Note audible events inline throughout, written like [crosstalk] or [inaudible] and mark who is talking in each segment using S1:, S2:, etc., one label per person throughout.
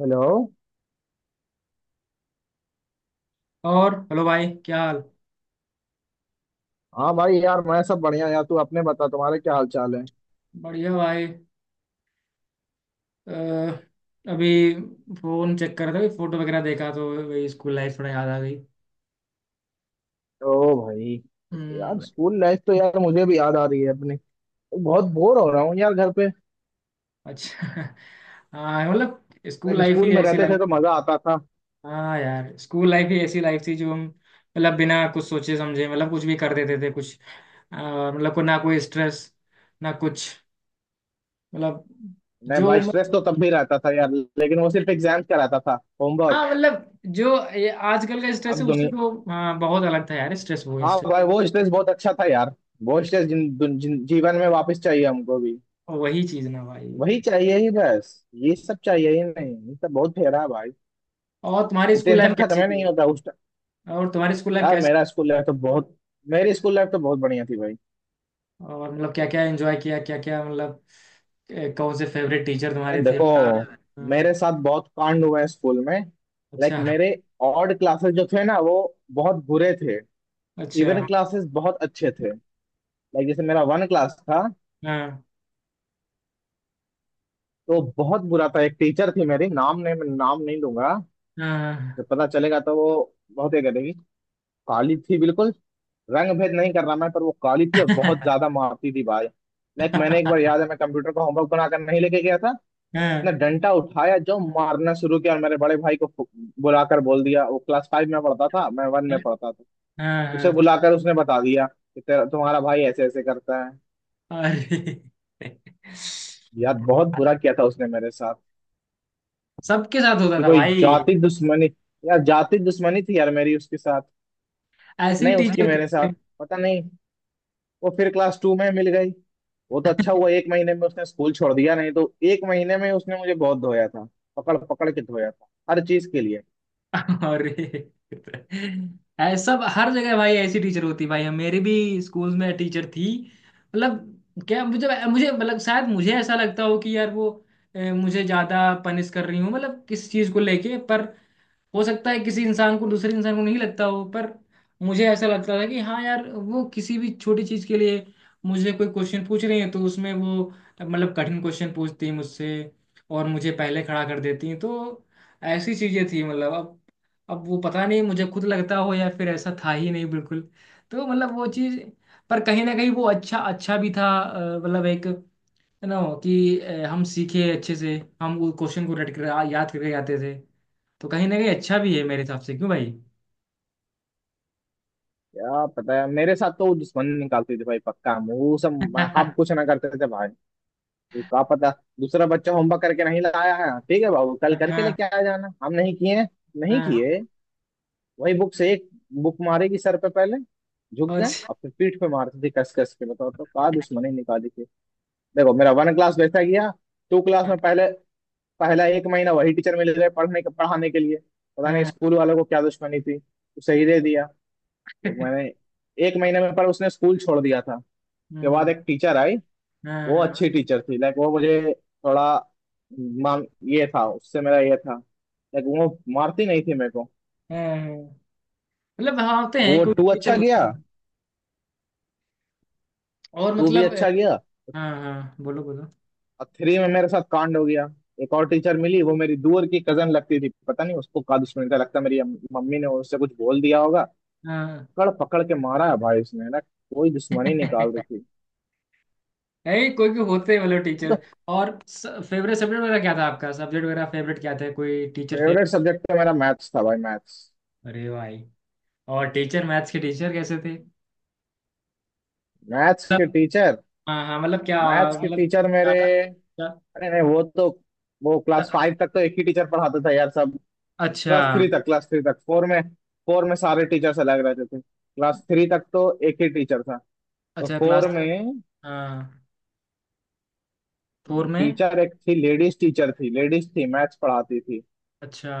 S1: Hello.
S2: और hello भाई, क्या हाल।
S1: हाँ भाई, यार मैं सब बढ़िया यार। तू अपने बता, तुम्हारे क्या हाल चाल है?
S2: बढ़िया भाई, अभी फोन चेक कर रहा था, फोटो वगैरह देखा तो वही स्कूल लाइफ थोड़ा याद आ गई।
S1: ओ भाई, यार
S2: हम्म।
S1: स्कूल लाइफ तो यार मुझे भी याद आ रही है अपनी। बहुत बोर हो रहा हूँ यार घर पे।
S2: अच्छा। [laughs] हाँ मतलब, स्कूल
S1: लाइक
S2: लाइफ
S1: स्कूल
S2: ही
S1: में
S2: ऐसी
S1: रहते थे
S2: लाइफ।
S1: तो मजा आता था।
S2: हाँ यार, स्कूल लाइफ ही ऐसी लाइफ थी जो हम मतलब बिना कुछ सोचे समझे मतलब कुछ भी कर देते थे। कुछ अ, मतलब को ना कोई स्ट्रेस, ना कुछ, मतलब
S1: नहीं
S2: जो,
S1: भाई, स्ट्रेस तो तब भी रहता था यार, लेकिन वो सिर्फ एग्जाम का रहता था, होमवर्क।
S2: हाँ मतलब, जो ये आजकल का स्ट्रेस
S1: अब
S2: है उससे
S1: दुनिया।
S2: तो हाँ बहुत अलग था यार। स्ट्रेस, वो
S1: हाँ
S2: स्ट्रेस।
S1: भाई, वो स्ट्रेस बहुत अच्छा था यार। वो स्ट्रेस जीवन में वापस चाहिए हमको भी।
S2: वही चीज ना भाई।
S1: वही चाहिए ही बस। ये सब चाहिए ही नहीं, ये सब बहुत फेरा है भाई।
S2: और तुम्हारी
S1: ये
S2: स्कूल लाइफ
S1: टेंशन खत्म
S2: कैसी
S1: ही
S2: थी।
S1: नहीं होता उस।
S2: और तुम्हारी स्कूल लाइफ
S1: यार
S2: कैसी।
S1: मेरा स्कूल लाइफ तो बहुत मेरी स्कूल लाइफ तो बहुत बढ़िया थी भाई।
S2: और मतलब क्या क्या एंजॉय किया, क्या क्या मतलब, कौन से फेवरेट टीचर
S1: यार
S2: तुम्हारे थे, क्या।
S1: देखो, मेरे
S2: हाँ।
S1: साथ बहुत कांड हुए हैं स्कूल में। लाइक
S2: अच्छा।
S1: मेरे। ऑड क्लासेस जो थे ना वो बहुत बुरे थे। इवन
S2: अच्छा।
S1: क्लासेस बहुत अच्छे थे। लाइक जैसे मेरा वन क्लास था
S2: हाँ
S1: तो बहुत बुरा था, एक टीचर थी मेरी, नाम नहीं मैं नाम नहीं लूंगा।
S2: हाँ।
S1: जब पता चलेगा तो वो बहुत ये करेगी। काली थी बिल्कुल। रंग भेद नहीं कर रहा मैं, पर वो काली थी और बहुत ज्यादा
S2: [laughs]
S1: मारती थी भाई। लाइक मैंने एक बार,
S2: हाँ
S1: याद है, मैं कंप्यूटर का होमवर्क बनाकर नहीं लेके गया था ना,
S2: हाँ
S1: डंडा उठाया, जो मारना शुरू किया, और मेरे बड़े भाई को बुलाकर बोल दिया। वो क्लास फाइव में पढ़ता था, मैं वन में पढ़ता था।
S2: हाँ, हाँ,
S1: उसे
S2: हाँ,
S1: बुलाकर उसने बता दिया कि तेरा तुम्हारा भाई ऐसे ऐसे करता है।
S2: अरे।
S1: यार बहुत बुरा किया था उसने मेरे साथ।
S2: सबके साथ होता
S1: कि
S2: था
S1: कोई
S2: भाई,
S1: जाति दुश्मनी। यार जाति दुश्मनी थी यार, मेरी उसके साथ
S2: ऐसी
S1: नहीं, उसकी
S2: टीचर
S1: मेरे साथ।
S2: थी।
S1: पता नहीं। वो फिर क्लास टू में मिल गई। वो तो अच्छा हुआ एक महीने में उसने स्कूल छोड़ दिया, नहीं तो एक महीने में उसने मुझे बहुत धोया था। पकड़ पकड़ के धोया था हर चीज के लिए।
S2: [laughs] अरे, ऐसा सब हर जगह भाई, ऐसी टीचर होती है भाई। हम, मेरी भी स्कूल में टीचर थी। मतलब क्या, मुझे मुझे मतलब शायद मुझे ऐसा लगता हो कि यार वो, मुझे ज्यादा पनिश कर रही हूँ, मतलब किस चीज को लेके। पर हो सकता है किसी इंसान को दूसरे इंसान को नहीं लगता हो, पर मुझे ऐसा लगता था कि हाँ यार, वो किसी भी छोटी चीज के लिए मुझे कोई क्वेश्चन पूछ रही है तो उसमें वो मतलब कठिन क्वेश्चन पूछती है मुझसे, और मुझे पहले खड़ा कर देती हैं। तो ऐसी चीजें थी। मतलब अब वो पता नहीं मुझे खुद लगता हो या फिर ऐसा था ही नहीं बिल्कुल। तो मतलब वो चीज, पर कहीं ना कहीं वो अच्छा अच्छा भी था। मतलब, एक है ना, कि हम सीखे अच्छे से। हम वो क्वेश्चन को रट कर याद करके आते थे। तो कहीं ना कहीं अच्छा भी है मेरे हिसाब से, क्यों भाई?
S1: क्या पता है, मेरे साथ तो वो दुश्मन निकालती थी भाई पक्का। वो सब हम कुछ
S2: [laughs]
S1: ना करते थे भाई। वो क्या पता। दूसरा बच्चा होमवर्क करके नहीं लाया है, ठीक है बाबू कल
S2: हाँ
S1: करके
S2: हाँ
S1: लेके आ जाना, हम नहीं किए, नहीं
S2: हाँ।
S1: किए, वही बुक से एक बुक मारेगी सर पे। पहले झुक
S2: और-
S1: गए और फिर पीठ पे मारते थे कस कस के। बताओ तो, क्या दुश्मनी निकाली थी। देखो मेरा वन क्लास वैसा गया। टू क्लास में पहले, पहला एक महीना वही टीचर मिल रहे पढ़ने के पढ़ाने के लिए। पता नहीं
S2: हाँ।
S1: स्कूल वालों को क्या दुश्मनी थी, उसे ही दे दिया। लेकिन मैंने, एक महीने में पर उसने स्कूल छोड़ दिया था। उसके बाद
S2: हम्म।
S1: एक टीचर आई।
S2: हाँ
S1: वो
S2: हाँ
S1: अच्छी टीचर थी, लाइक वो मुझे थोड़ा मान ये था, उससे मेरा ये था। लाइक वो मारती नहीं थी मेरे को।
S2: हाँ, मतलब हाँ, होते हैं
S1: वो
S2: कोई
S1: टू
S2: टीचर
S1: अच्छा गया,
S2: होते हैं। और
S1: टू भी
S2: मतलब,
S1: अच्छा गया।
S2: हाँ हाँ बोलो बोलो।
S1: और थ्री में मेरे साथ कांड हो गया। एक और टीचर मिली, वो मेरी दूर की कजन लगती थी। पता नहीं उसको का दुश्मनी था, लगता है मेरी मम्मी ने उससे कुछ बोल दिया होगा।
S2: हाँ।
S1: कड़ पकड़ के मारा है भाई उसने ना, कोई
S2: [laughs]
S1: दुश्मनी निकाल रही थी
S2: नहीं कोई भी होते हैं, मतलब
S1: वो
S2: टीचर।
S1: तो।
S2: और फेवरेट सब्जेक्ट वगैरह क्या था आपका, सब्जेक्ट वगैरह फेवरेट क्या था, कोई टीचर फेवरेट।
S1: फेवरेट सब्जेक्ट तो मेरा मैथ्स था भाई, मैथ्स।
S2: अरे भाई। और टीचर, मैथ्स के टीचर कैसे थे?
S1: मैथ्स के टीचर
S2: हाँ हाँ मतलब क्या,
S1: मैथ्स के
S2: मतलब
S1: टीचर मेरे,
S2: ज्यादा, ज्यादा-
S1: अरे नहीं वो तो। वो क्लास फाइव तक तो एक ही टीचर पढ़ाता था यार सब।
S2: अच्छा।
S1: क्लास थ्री तक, फोर में, फोर में सारे टीचर्स अलग रहते थे। क्लास थ्री तक तो एक ही टीचर था। तो
S2: अच्छा क्लास।
S1: फोर में
S2: हाँ। फोर में।
S1: टीचर एक थी, लेडीज टीचर थी, लेडीज थी, मैथ्स पढ़ाती थी।
S2: अच्छा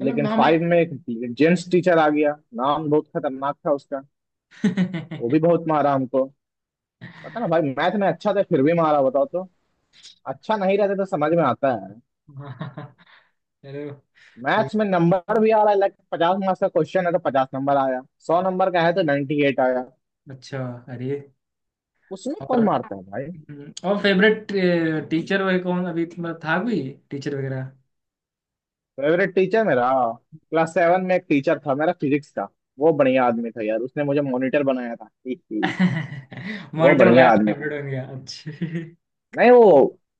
S2: मतलब
S1: लेकिन
S2: हमें।
S1: फाइव में एक जेंट्स टीचर आ गया, नाम बहुत खतरनाक था उसका। वो भी
S2: [laughs]
S1: बहुत मारा हमको। पता ना भाई, मैथ में अच्छा था फिर भी मारा, बताओ तो। अच्छा नहीं रहता तो समझ में आता है।
S2: हाँ, चलो कोई
S1: मैथ्स में नंबर भी आ रहा है, लाइक 50 मार्क्स का क्वेश्चन है तो 50 नंबर आया। 100 नंबर का है तो 98 आया।
S2: अच्छा। अरे,
S1: उसमें कौन
S2: और
S1: मारता है भाई?
S2: और फेवरेट टीचर वगैरह कौन अभी तुम्हारा था, कोई टीचर वगैरह।
S1: फेवरेट टीचर मेरा, क्लास सेवन में एक टीचर था मेरा, फिजिक्स का। वो बढ़िया आदमी था यार, उसने मुझे मॉनिटर बनाया था [laughs] ही, ही।
S2: [laughs]
S1: वो
S2: मॉनिटर
S1: बढ़िया
S2: बनाया तो
S1: आदमी था।
S2: फेवरेट बन गया, अच्छा। [laughs]
S1: नहीं वो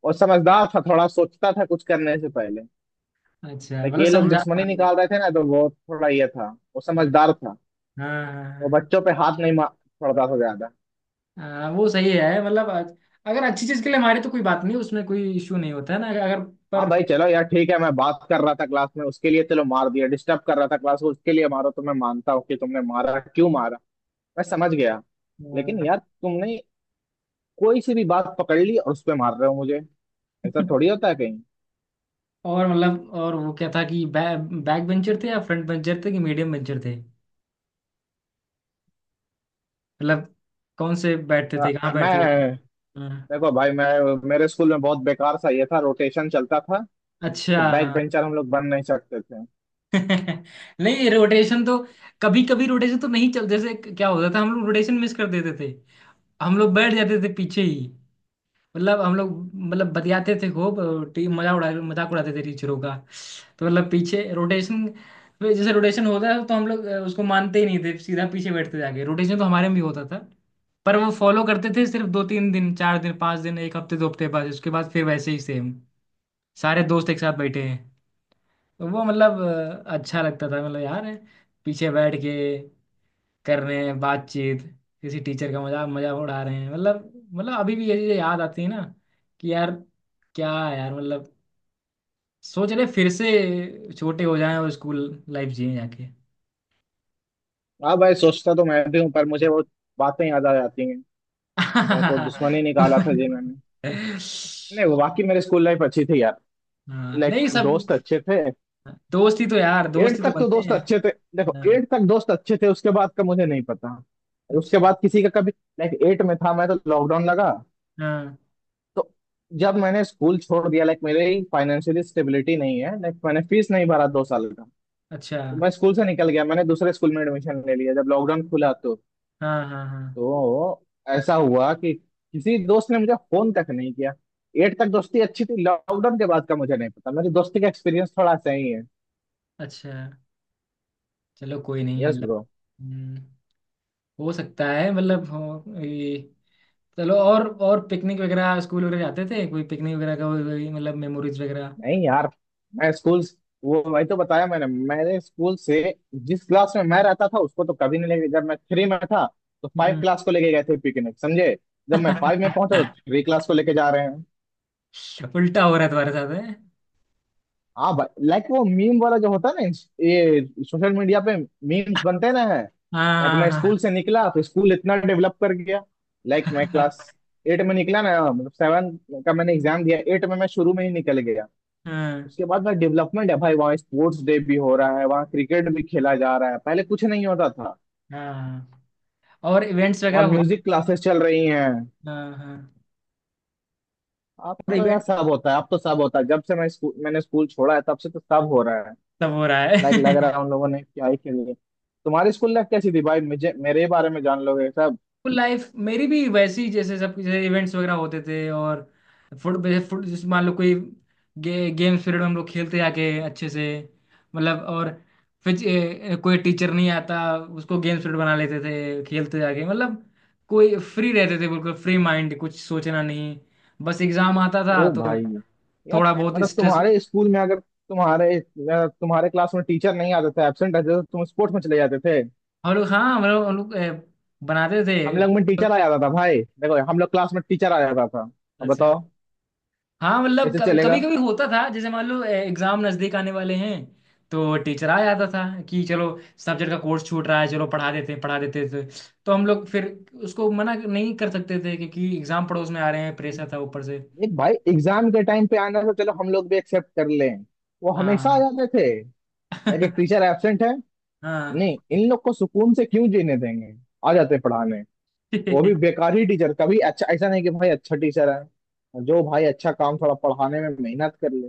S1: वो समझदार था, थोड़ा सोचता था कुछ करने से पहले।
S2: अच्छा
S1: लाइक
S2: मतलब
S1: ये लोग
S2: समझा।
S1: दुश्मनी
S2: हाँ
S1: निकाल रहे थे ना, तो वो थोड़ा ये था। वो
S2: हाँ
S1: समझदार था।
S2: हाँ,
S1: वो
S2: हाँ।
S1: बच्चों पे हाथ नहीं मार पड़ता था ज्यादा।
S2: हाँ वो सही है। मतलब अगर अच्छी चीज के लिए मारे तो कोई बात नहीं, उसमें कोई इशू नहीं होता है ना, अगर,
S1: हाँ
S2: पर
S1: भाई चलो यार ठीक है, मैं बात कर रहा था क्लास में, उसके लिए चलो मार दिया, डिस्टर्ब कर रहा था क्लास को, उसके लिए मारो, तो मैं मानता हूँ कि तुमने मारा, क्यों मारा, मैं समझ गया। लेकिन
S2: अ,
S1: यार तुमने कोई सी भी बात पकड़ ली और उस पे मार रहे हो मुझे। ऐसा थोड़ी
S2: [laughs]
S1: होता है कहीं।
S2: और मतलब, और वो क्या था कि बैक बेंचर थे या फ्रंट बेंचर थे, कि मीडियम बेंचर थे? मतलब कौन से बैठते
S1: क्या
S2: थे, कहाँ बैठते
S1: मैं,
S2: थे। हाँ,
S1: देखो भाई मैं, मेरे स्कूल में बहुत बेकार सा ये था, रोटेशन चलता था।
S2: अच्छा।
S1: तो बैक बेंचर हम लोग बन नहीं सकते थे।
S2: [laughs] नहीं रोटेशन तो, कभी कभी रोटेशन तो नहीं चल, जैसे क्या होता था, हम लोग रोटेशन मिस कर देते थे। हम लोग बैठ जाते थे पीछे ही। मतलब हम लोग, मतलब बतियाते थे खूब। टीम, मजाक उड़ाते थे टीचरों का। तो मतलब पीछे रोटेशन, जैसे रोटेशन होता है तो हम लोग उसको मानते ही नहीं थे, सीधा पीछे बैठते जाके। रोटेशन तो हमारे में भी होता था, पर वो फॉलो करते थे सिर्फ 2-3 दिन, 4 दिन, 5 दिन, एक हफ्ते, 2 हफ्ते बाद, उसके बाद फिर वैसे ही सेम, सारे दोस्त एक साथ बैठे हैं। तो वो मतलब, अच्छा लगता था। मतलब यार, पीछे बैठ के कर रहे हैं बातचीत, किसी टीचर का मजाक मजाक उड़ा रहे हैं। मतलब अभी भी ये चीजें याद आती है ना, कि यार, क्या है यार, मतलब सोच रहे फिर से छोटे हो जाएं और स्कूल लाइफ जिए जाके।
S1: हाँ भाई, सोचता तो मैं भी हूँ, पर मुझे वो बातें याद आ जाती हैं। लाइक वो दुश्मनी निकाला था
S2: [laughs]
S1: जिन्होंने। नहीं, वो बाकी मेरे स्कूल लाइफ अच्छी थी यार।
S2: हाँ
S1: लाइक
S2: नहीं, सब
S1: दोस्त अच्छे थे।
S2: दोस्ती तो यार,
S1: एट
S2: दोस्ती तो
S1: तक तो
S2: बनते
S1: दोस्त
S2: हैं।
S1: अच्छे थे। देखो
S2: हाँ,
S1: एट तक दोस्त अच्छे थे, उसके बाद का मुझे नहीं पता।
S2: अच्छा।
S1: उसके बाद किसी का कभी। लाइक एट में था मैं तो लॉकडाउन लगा।
S2: हाँ,
S1: तो जब मैंने स्कूल छोड़ दिया, लाइक मेरी फाइनेंशियली स्टेबिलिटी नहीं है, लाइक मैंने फीस नहीं भरा 2 साल का।
S2: अच्छा।
S1: तो मैं स्कूल से निकल गया, मैंने दूसरे स्कूल में एडमिशन ले लिया जब लॉकडाउन खुला तो।
S2: हाँ हाँ हाँ,
S1: तो ऐसा हुआ कि किसी दोस्त ने मुझे फोन तक नहीं किया। एट तक दोस्ती अच्छी थी, लॉकडाउन के बाद का मुझे नहीं पता, मेरी दोस्ती का एक्सपीरियंस थोड़ा सही है।
S2: अच्छा। चलो कोई नहीं
S1: यस
S2: मतलब।
S1: ब्रो।
S2: हम्म। हो सकता है, मतलब हो, ये। चलो, और पिकनिक वगैरह स्कूल वगैरह जाते थे कोई पिकनिक वगैरह का कोई, मतलब मेमोरीज वगैरह।
S1: नहीं यार, मैं स्कूल वो वही तो बताया मैंने, मेरे स्कूल से जिस क्लास में मैं रहता था उसको तो कभी नहीं लेके। जब मैं थ्री में था तो फाइव
S2: हम्म।
S1: क्लास को लेके गए थे पिकनिक, समझे? जब मैं फाइव में पहुंचा तो
S2: [laughs]
S1: थ्री क्लास को लेके जा रहे हैं।
S2: उल्टा हो रहा है तुम्हारे साथ है।
S1: हाँ भाई, लाइक वो मीम वाला जो होता है ना ये सोशल मीडिया पे मीम्स बनते ना है। लाइक
S2: हाँ
S1: मैं
S2: हाँ
S1: स्कूल से निकला तो स्कूल इतना डेवलप कर गया। लाइक मैं क्लास एट में निकला ना, मतलब सेवन का मैंने एग्जाम दिया, एट में मैं शुरू में ही निकल गया।
S2: हाँ। [laughs]
S1: उसके बाद में डेवलपमेंट है भाई, वहाँ स्पोर्ट्स डे भी हो रहा है, वहाँ क्रिकेट भी खेला जा रहा है, पहले कुछ नहीं होता था।
S2: हाँ हाँ, और इवेंट्स वगैरह
S1: वहाँ
S2: होते।
S1: म्यूजिक क्लासेस चल रही हैं।
S2: हाँ हाँ।
S1: अब
S2: और
S1: तो यार
S2: इवेंट,
S1: सब होता है, अब तो सब होता है, जब से मैंने स्कूल छोड़ा है तब से तो सब हो रहा है।
S2: सब हो रहा
S1: लाइक लग रहा
S2: है।
S1: है
S2: [laughs]
S1: उन लोगों ने क्या ही खेल लिया। तुम्हारी स्कूल लाइफ कैसी थी भाई? मुझे मेरे बारे में जान लोगे सब।
S2: लाइफ मेरी भी वैसी ही, जैसे सब, जैसे इवेंट्स वगैरह होते थे, और फुट फुट जैसे मान लो, कोई गेम्स पीरियड में हम लोग खेलते आके अच्छे से। मतलब और फिर ए, ए, कोई टीचर नहीं आता उसको गेम्स पीरियड बना लेते थे, खेलते जाके, मतलब कोई फ्री रहते थे, बिल्कुल फ्री माइंड, कुछ सोचना नहीं। बस एग्जाम आता था
S1: ओ
S2: तो
S1: भाई यार
S2: थोड़ा बहुत
S1: मतलब,
S2: स्ट्रेस।
S1: तुम्हारे स्कूल में अगर तुम्हारे अगर तुम्हारे क्लास में टीचर नहीं आते थे, एब्सेंट रहते थे, तो तुम स्पोर्ट्स में चले जाते थे।
S2: हम लोग, हाँ हम लोग, बनाते थे।
S1: हम लोग में टीचर आ जाता था भाई, देखो हम लोग क्लास में टीचर आ जाता था। अब
S2: अच्छा।
S1: बताओ
S2: हाँ मतलब,
S1: कैसे चलेगा।
S2: कभी कभी होता था, जैसे मान लो एग्जाम नजदीक आने वाले हैं, तो टीचर आ जाता था कि चलो, सब्जेक्ट का कोर्स छूट रहा है, चलो पढ़ा देते हैं, पढ़ा देते थे। तो हम लोग फिर उसको मना नहीं कर सकते थे, क्योंकि एग्जाम पड़ोस में आ रहे हैं, प्रेशर था ऊपर से।
S1: एक भाई एग्जाम के टाइम पे आना तो चलो हम लोग भी एक्सेप्ट कर लें, वो हमेशा आ
S2: हाँ।
S1: जाते थे। लाइक एक टीचर
S2: [laughs]
S1: एब्सेंट है,
S2: हाँ।
S1: नहीं इन लोग को सुकून से क्यों जीने देंगे, आ जाते पढ़ाने। वो भी
S2: [laughs]
S1: बेकार ही टीचर, कभी अच्छा ऐसा नहीं कि भाई अच्छा टीचर है जो भाई अच्छा काम थोड़ा पढ़ाने में मेहनत कर ले,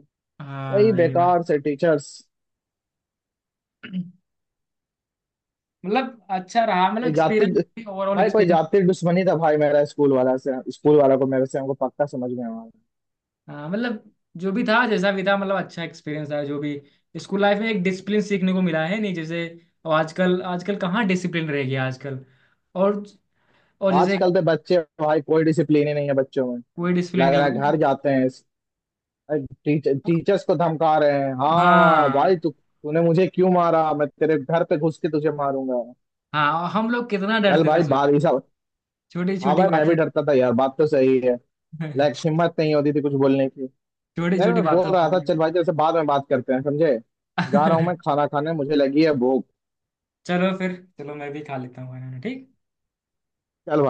S1: वही
S2: हाँ ये बात।
S1: बेकार से टीचर्स।
S2: मतलब अच्छा रहा, मतलब
S1: कोई जाति,
S2: एक्सपीरियंस, ओवरऑल
S1: भाई कोई
S2: एक्सपीरियंस।
S1: जाति दुश्मनी था भाई, मेरा स्कूल वाला से, स्कूल वाला को मेरे से, हमको पक्का समझ में आ रहा है।
S2: हाँ मतलब, जो भी था, जैसा भी था, मतलब अच्छा एक्सपीरियंस था। जो भी स्कूल लाइफ में एक डिसिप्लिन सीखने को मिला है, नहीं जैसे अब आजकल, आजकल कहाँ डिसिप्लिन रह गया आजकल। और, जैसे
S1: आजकल तो बच्चे भाई, कोई डिसिप्लिन ही नहीं है बच्चों में।
S2: कोई डिसिप्लिन
S1: लग
S2: नहीं
S1: रहा है
S2: भाई।
S1: घर जाते हैं, टीचर्स को धमका रहे हैं, हाँ
S2: हाँ
S1: भाई, तू तूने मुझे क्यों मारा, मैं तेरे घर पे घुस के तुझे मारूंगा।
S2: हाँ, और हम लोग कितना
S1: चल
S2: डरते थे
S1: भाई बात ऐसा।
S2: छोटी
S1: हाँ
S2: छोटी
S1: भाई, मैं
S2: बातों।
S1: भी डरता था यार, बात तो सही है। लाइक
S2: [laughs]
S1: हिम्मत नहीं होती थी कुछ बोलने की।
S2: छोटी
S1: यार
S2: छोटी
S1: मैं बोल
S2: बातों के
S1: रहा था,
S2: लिए।
S1: चल भाई तेरे से बाद में बात करते हैं समझे, जा रहा हूँ मैं खाना खाने, मुझे लगी है भूख।
S2: [laughs] चलो फिर, चलो मैं भी खा लेता हूँ खाना, ठीक।
S1: चल भाई।